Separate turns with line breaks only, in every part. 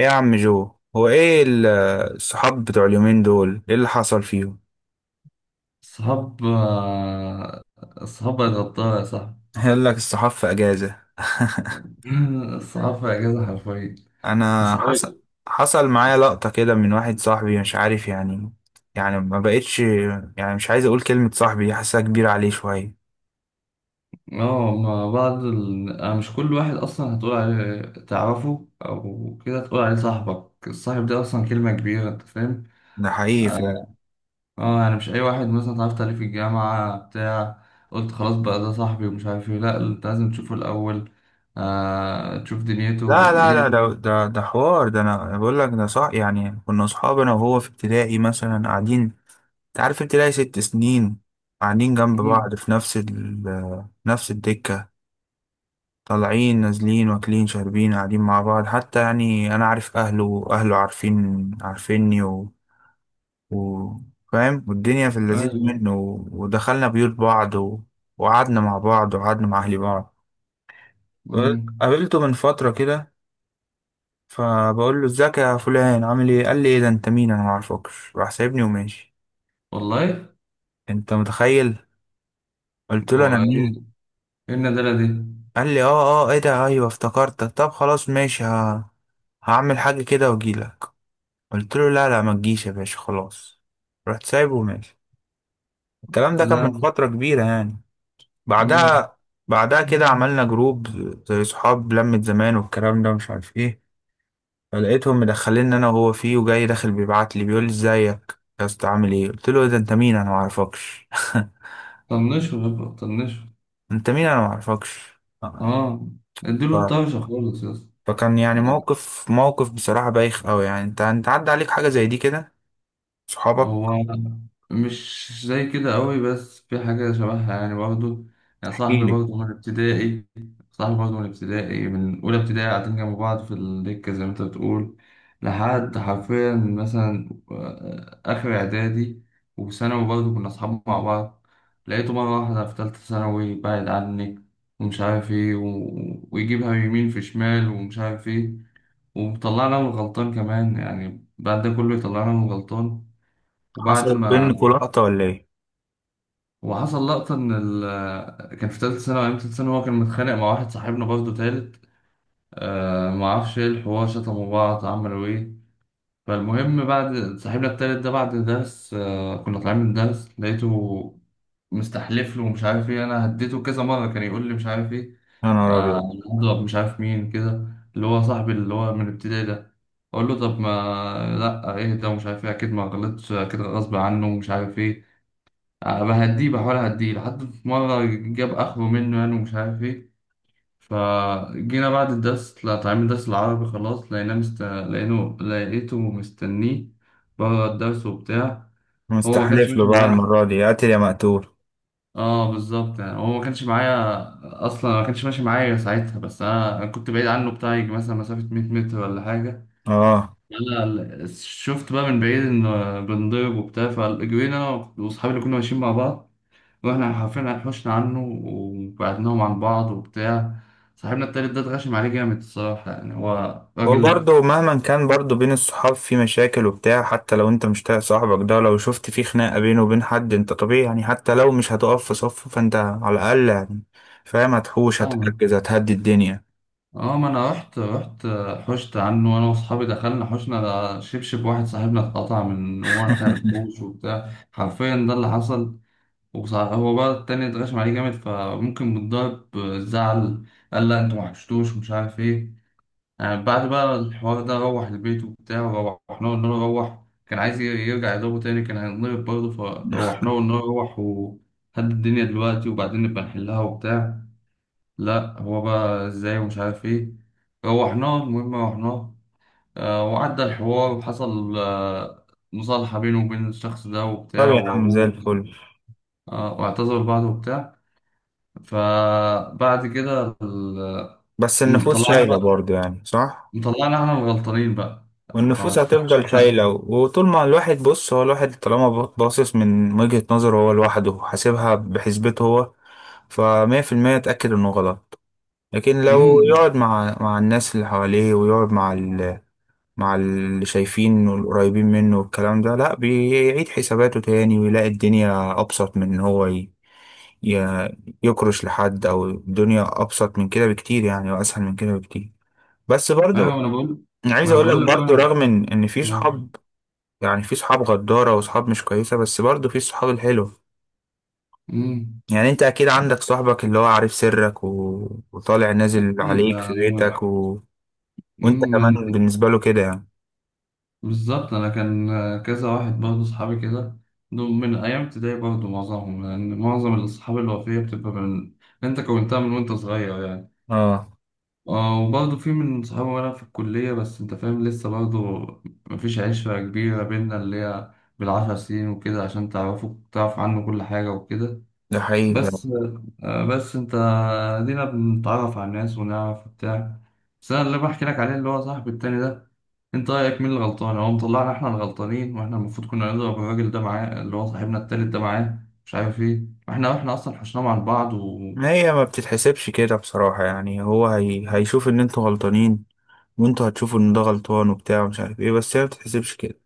ايه يا عم جو، هو ايه الصحاب بتوع اليومين دول، ايه اللي حصل فيهم؟
صحاب آه، صحاب بقت غطاها يا صاحبي.
قال لك الصحاب في اجازة.
الصحاب في اجازه حرفيا.
انا، حصل
صحابي.
حصل معايا لقطة كده من واحد صاحبي، مش عارف يعني. يعني ما بقتش، يعني مش عايز اقول كلمة صاحبي دي، حاسسها كبيرة عليه شوية.
اه، مع بعض أنا مش كل واحد اصلا هتقول عليه تعرفه او كده تقول عليه صاحبك. الصاحب ده اصلا كلمه كبيره، انت فاهم.
ده حقيقي فعلا.
اه آه، يعني مش اي واحد مثلا اتعرفت عليه في الجامعة بتاع قلت خلاص بقى ده صاحبي ومش عارف ايه. لا، انت لازم تشوفه الاول. آه، تشوف دنيته
لا، لا، لا، ده حوار، ده أنا بقول لك ده صح. يعني كنا صحاب انا وهو في ابتدائي مثلا، قاعدين. انت عارف ابتدائي 6 سنين. قاعدين جنب
مم.
بعض في نفس الدكة. طالعين نازلين واكلين شاربين قاعدين مع بعض، حتى يعني انا عارف اهله واهله عارفين عارفيني و... فاهم، والدنيا في اللذيذ
ايوه.
منه ودخلنا بيوت بعض وقعدنا مع بعض، وقعدنا مع اهلي بعض.
مم.
قابلته من فترة كده. فبقول له: ازيك يا فلان، عامل ايه؟ قال لي: ايه ده؟ انت مين؟ انا ما اعرفكش. راح سايبني وماشي.
والله.
انت متخيل؟ قلت له:
هو
انا
ايه؟
مين؟
إيه الندالة دي؟
قال لي: ايه ده، ايوه افتكرتك، طب خلاص ماشي، هعمل حاجة كده واجيلك. قلت له: لا، لا، ما تجيش يا باشا، خلاص. رحت سايبه وماشي. الكلام ده كان من
لا.
فترة كبيرة يعني.
مم.
بعدها بعدها كده عملنا جروب، زي صحاب لمة زمان والكلام ده مش عارف ايه. فلقيتهم مدخليني انا وهو فيه، وجاي داخل بيبعت لي، بيقول لي: ازيك يا اسطى، عامل ايه؟ قلت له: إيه ده؟ انت مين؟ انا ما اعرفكش.
طنشه يا بابا، طنشه.
انت مين؟ انا ما اعرفكش.
اه، اديله
ف-
الطرشه خالص يا اسطى.
فكان يعني موقف بصراحة بايخ قوي يعني. انت عدى عليك حاجة زي دي كده، صحابك؟
هو مش زي كده قوي بس في حاجة شبهها يعني برضه. يعني
احكي
صاحبي
لي.
برضه من ابتدائي. صاحبي برضه من ابتدائي، من أولى ابتدائي قاعدين جنب بعض في الدكة زي ما أنت بتقول، لحد حرفيا مثلا آه، آخر إعدادي وثانوي برضه كنا أصحاب مع بعض. لقيته مرة واحدة في تالتة ثانوي بعد عني ومش عارف إيه ويجيبها يمين في شمال ومش عارف إيه. وطلعنا من غلطان كمان، يعني بعد ده كله يطلعنا من غلطان. وبعد
حصل
ما
بينكوا لقطة ولا ايه؟
وحصل لقطة إن ال كان في تالتة ثانوي، أيام تالتة ثانوي هو كان متخانق مع واحد صاحبنا برضه تالت. آه، معرفش إيه الحوار، شتموا بعض، عملوا إيه. فالمهم بعد صاحبنا التالت ده، بعد درس آه كنا طالعين من درس لقيته مستحلف له ومش عارف إيه. أنا هديته كذا مرة كان يقول لي مش عارف إيه،
يا نهار
آه
ابيض!
أنا هضرب مش عارف مين كده، اللي هو صاحبي اللي هو من ابتدائي ده. أقول له طب ما لأ إيه ده ومش عارف إيه، أكيد ما غلطتش، أكيد غصب عنه ومش عارف إيه. آه، بهديه، بحاول اهديه لحد في مرة جاب اخره منه يعني ومش عارف ايه. فجينا بعد الدرس، لا طالعين من الدرس العربي خلاص، لقيناه لقيته مستنيه بره الدرس وبتاع. هو ما كانش
مستحلف له
ماشي
بقى
معايا.
المرة دي، قاتل يا مقتول.
اه بالظبط، يعني هو ما كانش معايا اصلا، ما كانش ماشي معايا ساعتها. بس أنا كنت بعيد عنه بتاع، يجي مثلا مسافة 100 متر ولا حاجة.
اه،
انا شفت بقى من بعيد انه بنضرب وبتاع، فجرينا انا واصحابي اللي كنا ماشيين مع بعض. واحنا حرفيا هنحوشنا عنه وبعدناهم عن بعض وبتاع. صاحبنا التالت ده اتغشم عليه جامد الصراحة، يعني هو راجل.
وبرضه مهما كان، برضه بين الصحاب في مشاكل وبتاع، حتى لو انت مش طايق صاحبك ده، لو شفت في خناقة بينه وبين حد، انت طبيعي يعني حتى لو مش هتقف في صفه، فانت على الأقل يعني فاهم، هتحوش،
فاهمة.
هتحجز، هتهدي الدنيا.
اه، ما انا رحت حشت عنه انا واصحابي، دخلنا حشنا، ده شبشب واحد صاحبنا اتقطع من واحنا بنحوش وبتاع، حرفيا ده اللي حصل. هو بقى التاني اتغشم عليه جامد فممكن بالضرب زعل، قال لا انتوا ما حشتوش مش عارف ايه. آه، بعد بقى الحوار ده روح البيت وبتاع، روحنا قلنا له روح، كان عايز يرجع يضربه تاني، كان هينضرب برضه. فروحنا قلنا له روح وهد الدنيا دلوقتي، وبعدين نبقى نحلها وبتاع. لا هو بقى ازاي ومش عارف ايه، روحناه المهم روحناه. آه، وعدى الحوار وحصل آه، مصالحة بينه وبين الشخص ده
طب
وبتاع
يا عم، زي
وأبوه.
الفل.
آه، واعتذروا لبعض وبتاع. فبعد كده
بس النفوس
طلعنا
شايلة
بقى
برضه، يعني صح؟
طلعنا احنا الغلطانين بقى، فما
والنفوس
تفهمش.
هتفضل شايلة، وطول ما الواحد بص، هو الواحد طالما باصص من وجهة نظره هو لوحده، حاسبها بحسبته هو، فمية في المية اتأكد انه غلط. لكن لو
امم.
يقعد مع الناس اللي حواليه، ويقعد مع اللي شايفين والقريبين منه والكلام ده، لا بيعيد حساباته تاني، ويلاقي الدنيا أبسط من إن هو ي... يكرش لحد، أو الدنيا أبسط من كده بكتير يعني، وأسهل من كده بكتير. بس
ايوه، ما انا
برضه،
بقول،
أنا
ما
عايز
انا
أقول لك
بقول لك
برضه،
بقى
رغم إن في
ما-
صحاب، يعني في صحاب غدارة وصحاب مش كويسة، بس برضه في الصحاب الحلوة.
امم.
يعني أنت أكيد عندك صاحبك اللي هو عارف سرك وطالع نازل
اكيد،
عليك في
يعني
بيتك وانت
امم
كمان
من-
بالنسبة له كده يعني.
بالظبط، انا كان كذا واحد برضه اصحابي كده، دول من ايام ابتدائي برضه معظمهم، لان معظم الاصحاب الوفيه بتبقى من انت كونتها من وانت صغير يعني.
اه،
اه، وبرضه في من صحابي وانا في الكليه بس انت فاهم لسه برضه، مفيش عشره كبيره بينا، اللي هي بالعشر سنين وكده عشان تعرفوا تعرف عنه كل حاجه وكده.
ده حقيقي فعلا.
بس آه، بس انت دينا بنتعرف على الناس ونعرف بتاع. بس انا اللي بحكي لك عليه اللي هو صاحبي التاني ده، انت رايك مين اللي غلطان؟ هو مطلعنا احنا الغلطانين واحنا المفروض كنا نضرب الراجل ده معاه، اللي هو صاحبنا التالت ده معاه، مش عارف ايه. واحنا اصلا حشناهم عن بعض و...
ما هي ما بتتحسبش كده بصراحة يعني. هو هيشوف ان انتوا غلطانين، وانتوا هتشوفوا ان ده غلطان وبتاع ومش عارف ايه، بس هي ما بتتحسبش كده.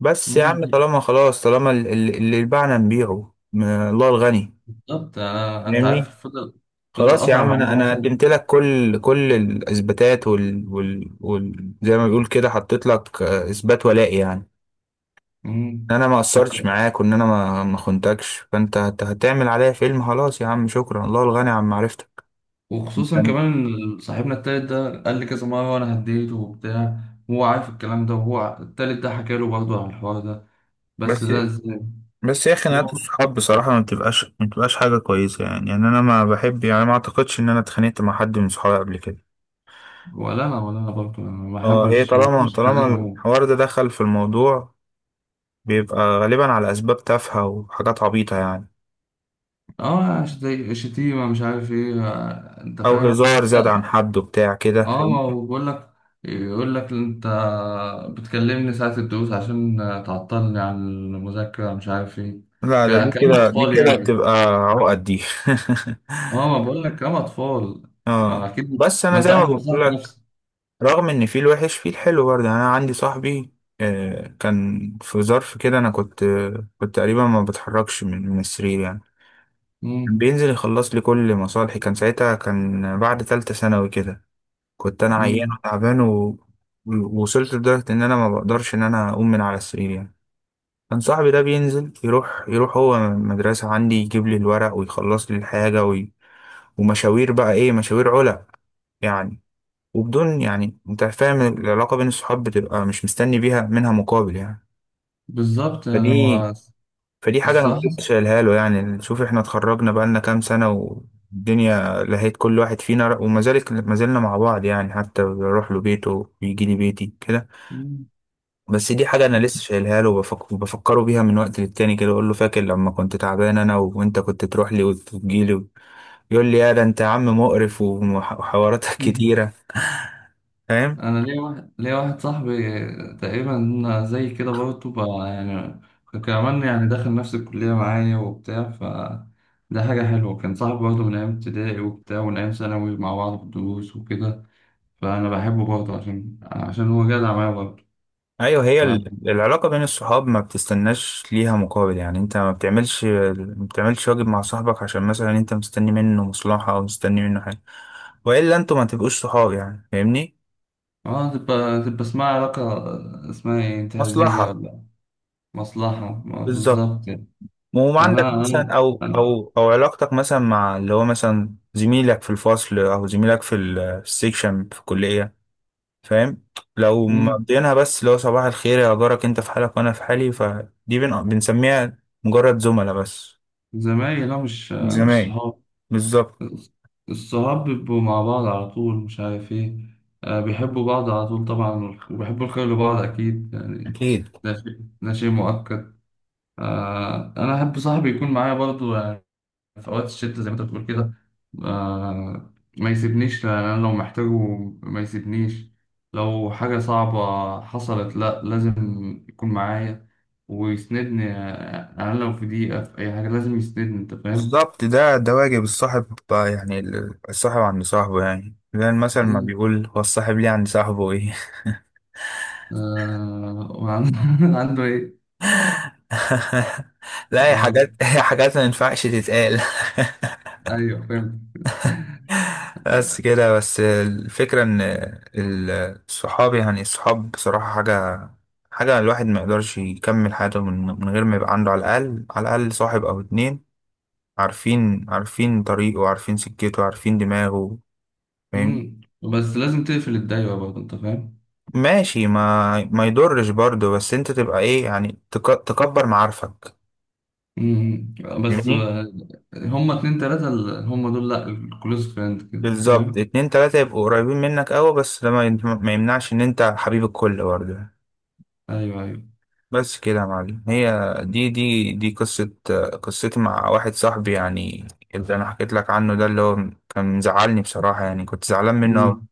بس يا عم،
مم.
طالما خلاص، طالما اللي يبيعنا نبيعه، ما الله الغني.
بالظبط، انا انت
فاهمني؟
عارف فضل، فضل
خلاص يا
قطع
عم،
معايا
انا
مثلا.
قدمت لك كل الاثباتات زي ما بيقول كده، حطيت لك، اثبات ولائي يعني.
مم.
انا ما قصرتش معاك، وان انا ما خنتكش، فانت هتعمل عليا فيلم؟ خلاص يا عم، شكرا، الله الغني عن معرفتك. مش
وخصوصا
هن-
كمان إن صاحبنا التالت ده قال لي كذا مرة وأنا هديته وبتاع، وهو عارف الكلام ده، التالت ده حكى له برضه عن الحوار ده، بس
بس
ده ازاي.
بس يا خناقات
هو-
الصحاب بصراحة ما بتبقاش حاجة كويسة يعني. يعني أنا ما بحب يعني، ما أعتقدش إن أنا اتخانقت مع حد من صحابي قبل كده.
ولا أنا برضه، أنا ما
اه، هي
بحبش ما
طالما
بحبش
طالما
خلينا أقوم.
الحوار ده دخل في الموضوع، بيبقى غالبا على أسباب تافهة وحاجات عبيطة يعني.
اه زي شتيمة مش عارف ايه آه، انت
أو
فاهم.
هزار زاد
لا.
عن حد وبتاع كده،
اه، ما
فاهمني؟
هو بقول لك، يقول لك انت بتكلمني ساعة الدروس عشان تعطلني عن المذاكرة مش عارف ايه.
لا، ده دي
كلام
كده دي
أطفال
كده
يعني.
بتبقى عقد دي.
اه، ما بقول لك هم اطفال. آه،
اه،
اكيد،
بس
ما
انا
انت
زي ما
عارف
بقول
مصلحة
لك،
نفسك.
رغم ان في الوحش في الحلو برضه، يعني انا عندي صاحبي. آه، كان في ظرف كده، انا كنت تقريبا ما بتحركش من السرير يعني. كان
امم.
بينزل يخلص لي كل مصالحي، كان ساعتها كان بعد تالتة ثانوي كده. كنت انا عيان
امم.
وتعبان ووصلت لدرجة ان انا ما بقدرش ان انا اقوم من على السرير يعني. كان صاحبي ده بينزل يروح هو مدرسة عندي، يجيب لي الورق ويخلص لي الحاجة ومشاوير بقى ايه، مشاوير علق يعني. وبدون، يعني انت فاهم، العلاقة بين الصحاب بتبقى مش مستني بيها منها مقابل يعني.
بالظبط يعني
فدي
هو
فدي حاجة انا
الصراحة.
مبقتش شايلها له يعني. شوف، احنا اتخرجنا بقالنا كام سنة، والدنيا لهيت كل واحد فينا، وما ذلك ما زلنا مع بعض يعني، حتى بروح له بيته ويجي لي بيتي كده.
مم.
بس دي حاجة انا لسه شايلها له، وبفكره بيها من وقت للتاني كده، اقول له: فاكر لما كنت تعبان، انا وانت كنت تروح لي وتجي لي؟ يقول لي: يا ده انت يا عم مقرف وحواراتك
مم.
كتيرة. فاهم.
انا ليا واحد صاحبي، تقريبا زي كده برضه بقى يعني، كمان يعني دخل نفس الكلية معايا وبتاع ف ده حاجة حلوة. كان صاحبي برضه من أيام ابتدائي وبتاع، ومن أيام ثانوي مع بعض في الدروس وكده، فأنا بحبه برضه عشان هو جدع معايا برضه.
ايوه، هي العلاقه بين الصحاب ما بتستناش ليها مقابل يعني، انت ما بتعملش واجب مع صاحبك عشان مثلا انت مستني منه مصلحه او مستني منه حاجه. والا انتوا ما تبقوش صحاب يعني، فاهمني؟
اه، تبقى اسمها علاقة، اسمها ايه، انتهازية
مصلحه،
ولا مصلحة، ما
بالظبط.
بالظبط يعني.
وما عندك
أنا
مثلا،
أنا
او
أنا
او او علاقتك مثلا مع اللي هو مثلا زميلك في الفصل، او زميلك في في السكشن في الكليه. فاهم؟ لو
مم.
مقضيينها بس اللي هو صباح الخير يا جارك، انت في حالك وانا في حالي، فدي بنسميها مجرد زملاء بس.
زمايلي، لا مش
زمايل،
صحاب.
بالظبط.
الصحاب بيبقوا مع بعض على طول، مش عارف ايه. آه، بيحبوا بعض على طول طبعا، وبيحبوا الخير لبعض أكيد يعني.
أكيد،
ده شيء مؤكد. آه، أنا أحب صاحبي يكون معايا برضو في اوقات الشتا، زي ما انت بتقول كده. آه، ما يسيبنيش، لأن انا لو محتاجه ما يسيبنيش، لو حاجة صعبة حصلت لا لازم يكون معايا ويسندني. آه، انا لو في دقيقة في اي حاجة لازم يسندني، انت فاهم.
بالظبط. ده واجب الصاحب بقى يعني. الصاحب عند صاحبه، يعني زي المثل ما
مم.
بيقول: هو الصاحب ليه عند صاحبه إيه؟
آه، وعنده عنده ايه.
لا، هي
اه
حاجات، هي حاجات ما ينفعش تتقال.
ايوه، فاهم.
بس كده. بس الفكرة إن ال- الصحاب يعني، الصحاب بصراحة حاجة، حاجة الواحد ما يقدرش يكمل حياته من غير ما يبقى عنده على الأقل، على الأقل صاحب أو اتنين. عارفين طريقه، عارفين سكته، عارفين دماغه. فاهمني؟
مم. بس لازم تقفل الدايرة برضه، انت فاهم.
ماشي، ما يضرش برضه، بس انت تبقى ايه يعني، تكبر معارفك.
مم. بس
فاهمني؟
آه، هما اتنين تلاتة هما دول، لا، الكلوز فريند كده، انت
بالظبط،
فاهم.
اتنين تلاتة يبقوا قريبين منك قوي، بس ده ما يمنعش ان انت حبيب الكل برضه.
ايوه ايوه.
بس كده يا معلم. هي دي قصة، قصتي مع واحد صاحبي يعني، اللي انا حكيت لك عنه، ده اللي هو كان مزعلني بصراحة يعني، كنت زعلان منه أوي.
مم.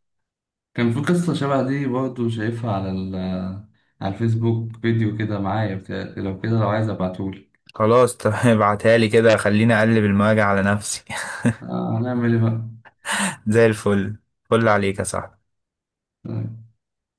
كان في قصة شبه دي برضه، شايفها على ال على الفيسبوك فيديو كده معايا بتاع، لو كده لو عايز ابعتهولك.
خلاص، طب ابعتها لي كده، خليني اقلب المواجع على نفسي.
آه، هنعمل ايه
زي الفل، فل عليك يا صاحبي.
بقى.